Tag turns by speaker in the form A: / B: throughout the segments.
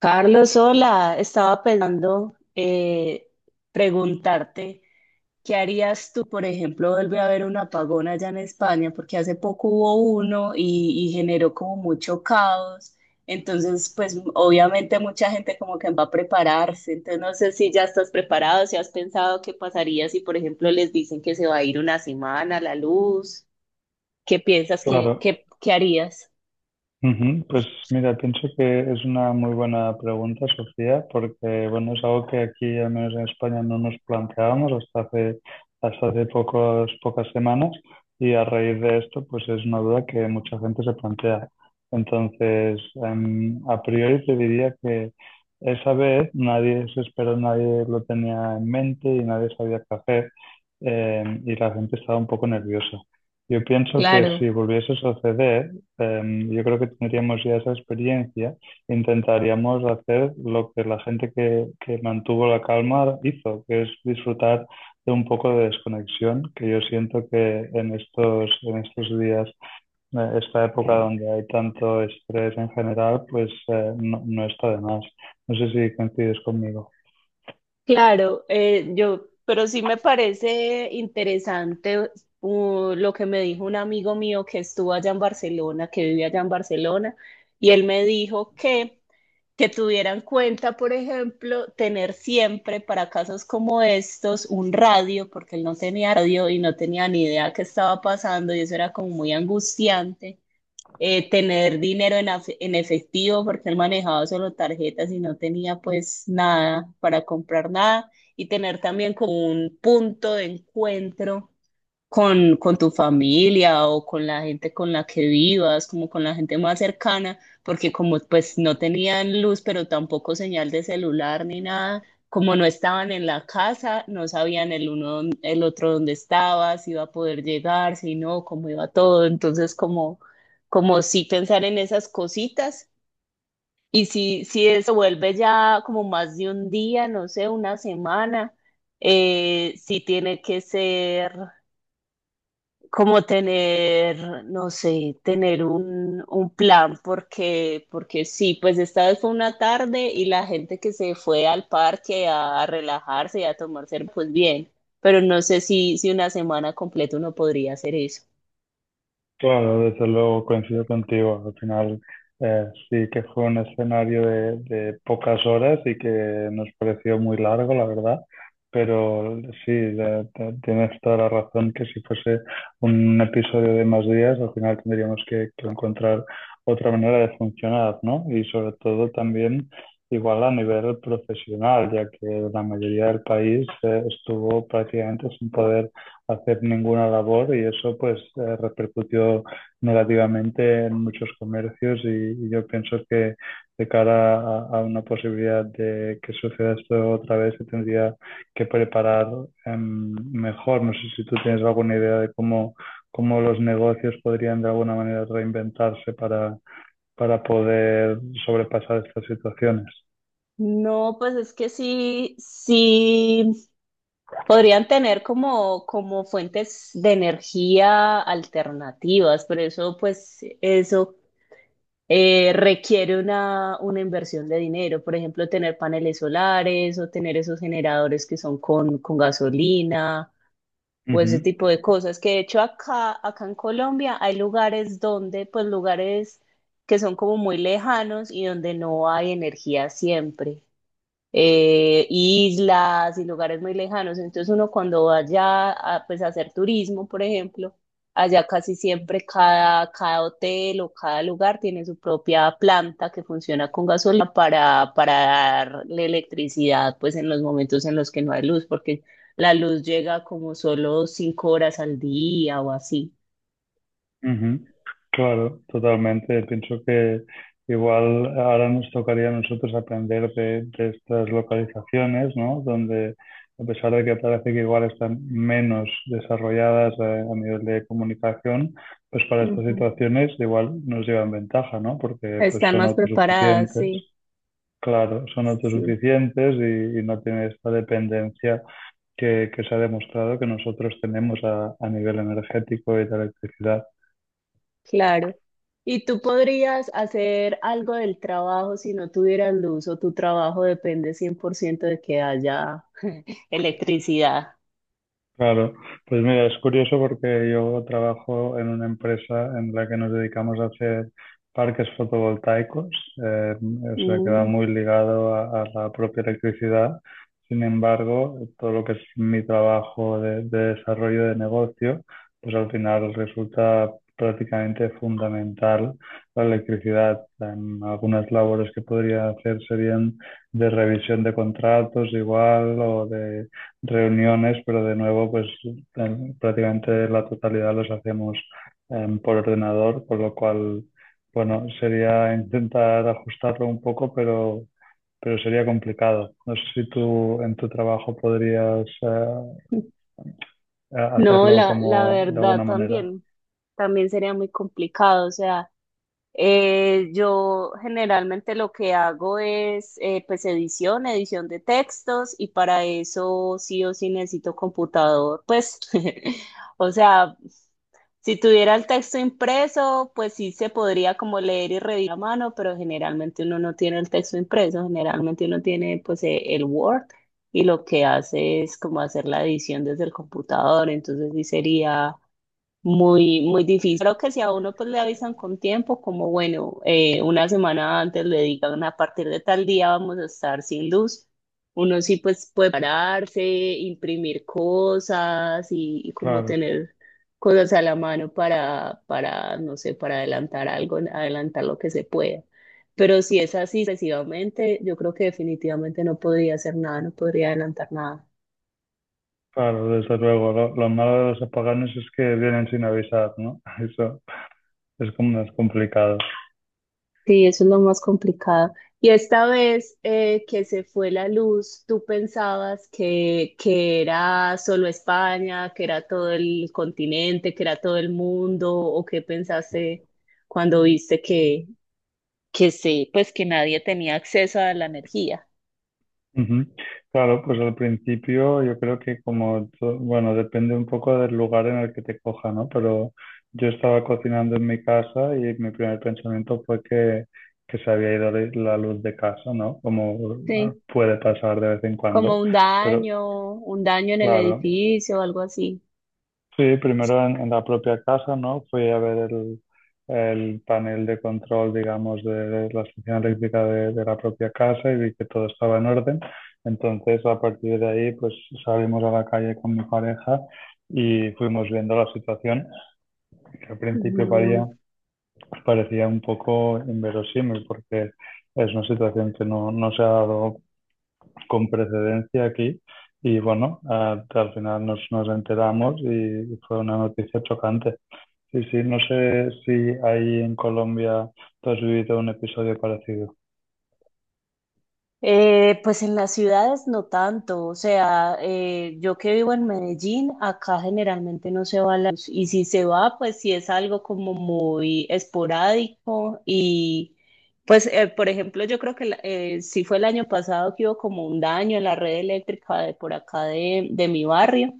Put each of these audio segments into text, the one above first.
A: Carlos, hola. Estaba pensando preguntarte, ¿qué harías tú, por ejemplo, vuelve a haber un apagón allá en España? Porque hace poco hubo uno y generó como mucho caos. Entonces, pues obviamente mucha gente como que va a prepararse. Entonces, no sé si ya estás preparado, si has pensado qué pasaría si, por ejemplo, les dicen que se va a ir una semana la luz. ¿Qué piensas que,
B: Claro.
A: qué harías?
B: Ujú. Pues mira, pienso que es una muy buena pregunta, Sofía, porque bueno, es algo que aquí, al menos en España, no nos planteábamos hasta hace pocas semanas y a raíz de esto, pues es una duda que mucha gente se plantea. Entonces, a priori te diría que esa vez nadie se esperó, nadie lo tenía en mente y nadie sabía qué hacer, y la gente estaba un poco nerviosa. Yo pienso que si
A: Claro.
B: volviese a suceder, yo creo que tendríamos ya esa experiencia, intentaríamos hacer lo que la gente que mantuvo la calma hizo, que es disfrutar de un poco de desconexión, que yo siento que en estos días, esta época donde hay tanto estrés en general, pues no, no está de más. No sé si coincides conmigo.
A: Claro, pero sí me parece interesante, lo que me dijo un amigo mío que estuvo allá en Barcelona, que vivía allá en Barcelona, y él me dijo que tuviera en cuenta, por ejemplo, tener siempre para casos como estos un radio, porque él no tenía radio y no tenía ni idea qué estaba pasando, y eso era como muy angustiante. Tener dinero en efectivo porque él manejaba solo tarjetas y no tenía pues nada para comprar nada, y tener también como un punto de encuentro con tu familia o con la gente con la que vivas, como con la gente más cercana, porque como pues no tenían luz, pero tampoco señal de celular ni nada. Como no estaban en la casa, no sabían el uno, el otro dónde estaba, si iba a poder llegar, si no, cómo iba todo. Entonces como, sí pensar en esas cositas. Y si eso vuelve ya como más de un día, no sé, una semana, sí tiene que ser como tener, no sé, tener un plan, porque sí, pues esta vez fue una tarde y la gente que se fue al parque a relajarse y a tomar cerveza, pues bien, pero no sé si una semana completa uno podría hacer eso.
B: Claro, desde luego coincido contigo. Al final sí que fue un escenario de pocas horas y que nos pareció muy largo, la verdad. Pero sí, tienes toda la razón que si fuese un episodio de más días, al final tendríamos que encontrar otra manera de funcionar, ¿no? Y sobre todo también igual a nivel profesional, ya que la mayoría del país estuvo prácticamente sin poder hacer ninguna labor y eso pues repercutió negativamente en muchos comercios y yo pienso que de cara a una posibilidad de que suceda esto otra vez se tendría que preparar mejor. No sé si tú tienes alguna idea de cómo, cómo los negocios podrían de alguna manera reinventarse para poder sobrepasar estas situaciones.
A: No, pues es que sí, sí podrían tener como, fuentes de energía alternativas, pero eso, pues, eso requiere una inversión de dinero. Por ejemplo, tener paneles solares o tener esos generadores que son con gasolina
B: Uh
A: o ese
B: -huh,
A: tipo de cosas. Que de hecho acá en Colombia hay lugares donde, pues lugares que son como muy lejanos y donde no hay energía siempre. Islas y lugares muy lejanos. Entonces uno cuando vaya a, pues, a hacer turismo, por ejemplo, allá casi siempre cada hotel o cada lugar tiene su propia planta que funciona con gasolina para darle electricidad pues en los momentos en los que no hay luz, porque la luz llega como solo 5 horas al día o así.
B: uh -huh. Claro, totalmente. Pienso que igual ahora nos tocaría a nosotros aprender de estas localizaciones, ¿no? Donde, a pesar de que parece que igual están menos desarrolladas a nivel de comunicación, pues para estas
A: Ujú.
B: situaciones igual nos llevan ventaja, ¿no? Porque pues
A: Están
B: son
A: más preparadas,
B: autosuficientes.
A: sí,
B: Claro, son
A: sí.
B: autosuficientes y no tienen esta dependencia que se ha demostrado que nosotros tenemos a nivel energético y de electricidad.
A: Claro. ¿Y tú podrías hacer algo del trabajo si no tuvieras luz, o tu trabajo depende 100% de que haya electricidad?
B: Claro, pues mira, es curioso porque yo trabajo en una empresa en la que nos dedicamos a hacer parques fotovoltaicos, o sea, que va
A: Mm.
B: muy ligado a la propia electricidad. Sin embargo, todo lo que es mi trabajo de desarrollo de negocio, pues al final resulta prácticamente fundamental la electricidad. En algunas labores que podría hacer serían de revisión de contratos igual o reuniones, pero de nuevo, pues prácticamente la totalidad los hacemos por ordenador, con lo cual, bueno, sería intentar ajustarlo un poco, pero sería complicado. No sé si tú en tu trabajo podrías
A: No,
B: hacerlo
A: la
B: como de
A: verdad
B: alguna manera.
A: también, sería muy complicado. O sea, yo generalmente lo que hago es, pues edición, de textos, y para eso sí o sí necesito computador. Pues, o sea, si tuviera el texto impreso, pues sí se podría como leer y revisar a mano, pero generalmente uno no tiene el texto impreso, generalmente uno tiene pues el Word, y lo que hace es como hacer la edición desde el computador. Entonces sí sería muy, muy difícil. Creo que si a uno pues le avisan con tiempo, como bueno, una semana antes le digan a partir de tal día vamos a estar sin luz, uno sí pues puede pararse, imprimir cosas y como
B: Claro,
A: tener cosas a la mano para, no sé, para adelantar algo, adelantar lo que se pueda. Pero si es así excesivamente, yo creo que definitivamente no podría hacer nada, no podría adelantar nada.
B: claro, desde luego. Lo malo de los apagones es que vienen sin avisar, ¿no? Eso es como más complicado.
A: Sí, eso es lo más complicado. Y esta vez, que se fue la luz, ¿tú pensabas que era solo España, que era todo el continente, que era todo el mundo? O ¿qué pensaste cuando viste que sí, pues que nadie tenía acceso a la energía?
B: Ujú. Claro, pues al principio yo creo que como, bueno, depende un poco del lugar en el que te coja, ¿no? Pero yo estaba cocinando en mi casa y mi primer pensamiento fue que se había ido la luz de casa, ¿no? Como ah,
A: Sí,
B: puede pasar de vez en
A: como
B: cuando.
A: un
B: Pero
A: daño, un daño en el
B: claro,
A: edificio o algo así.
B: sí, primero en la propia casa, ¿no? Fui a ver el panel de control, digamos, de la estación eléctrica de la propia casa y vi que todo estaba en orden. Entonces, a partir de ahí, pues salimos a la calle con mi pareja y fuimos viendo la situación, que al principio
A: Ujú.
B: parecía parecía un poco inverosímil porque es una situación que no, no se ha dado con precedencia aquí. Y bueno, ah, al final nos, nos enteramos y fue una noticia chocante. Sí, sí, no sé si ahí en Colombia tú has vivido un episodio parecido.
A: Pues en las ciudades no tanto. O sea, yo que vivo en Medellín, acá generalmente no se va la luz, y si se va, pues sí es algo como muy esporádico. Y pues, por ejemplo, yo creo que sí fue el año pasado que hubo como un daño en la red eléctrica de por acá de mi barrio,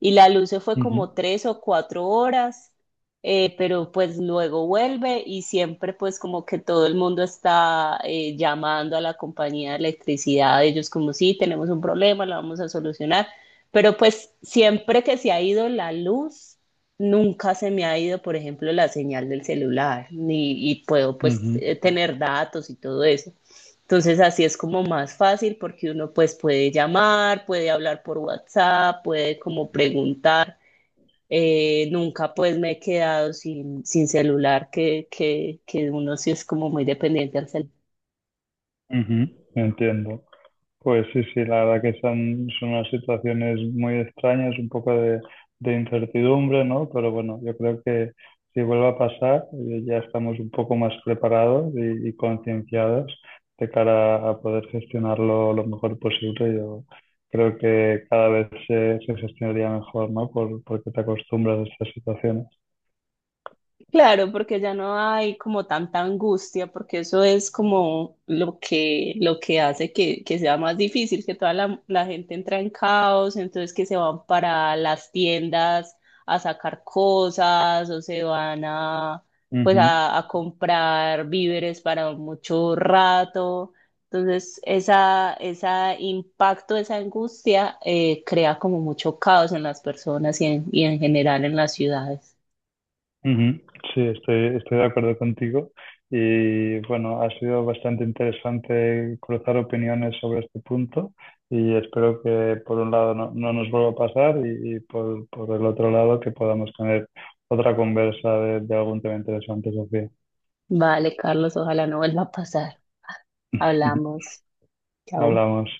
A: y la luz se fue
B: Ujú,
A: como 3 o 4 horas, pero pues luego vuelve, y siempre pues como que todo el mundo está llamando a la compañía de electricidad, ellos como sí, tenemos un problema, lo vamos a solucionar. Pero pues siempre que se ha ido la luz, nunca se me ha ido, por ejemplo, la señal del celular, ni, y puedo pues
B: ujú,
A: tener datos y todo eso. Entonces así es como más fácil, porque uno pues puede llamar, puede hablar por WhatsApp, puede como preguntar. Nunca pues me he quedado sin celular, que uno sí es como muy dependiente al celular.
B: ujú. Entiendo. Pues sí, sí, la verdad que son, son unas situaciones muy extrañas, un poco de incertidumbre, ¿no? Pero bueno, yo creo que si vuelve a pasar, ya estamos un poco más preparados y concienciados de cara a poder gestionarlo lo mejor posible. Yo creo que cada vez se, se gestionaría mejor, ¿no? Por, porque te acostumbras a estas situaciones.
A: Claro, porque ya no hay como tanta angustia, porque eso es como lo que hace que sea más difícil, que toda la gente entra en caos, entonces que se van para las tiendas a sacar cosas, o se van pues
B: Ujú,
A: a comprar víveres para mucho rato. Entonces, esa, ese impacto, esa angustia, crea como mucho caos en las personas, y en, general en las ciudades.
B: ujú. Sí, estoy, estoy de acuerdo contigo. Y bueno, ha sido bastante interesante cruzar opiniones sobre este punto y espero que por un lado no, no nos vuelva a pasar y por el otro lado que podamos tener otra conversa de algún tema interesante, Sofía.
A: Vale, Carlos, ojalá no vuelva a pasar. Hablamos. Chao.
B: Hablamos.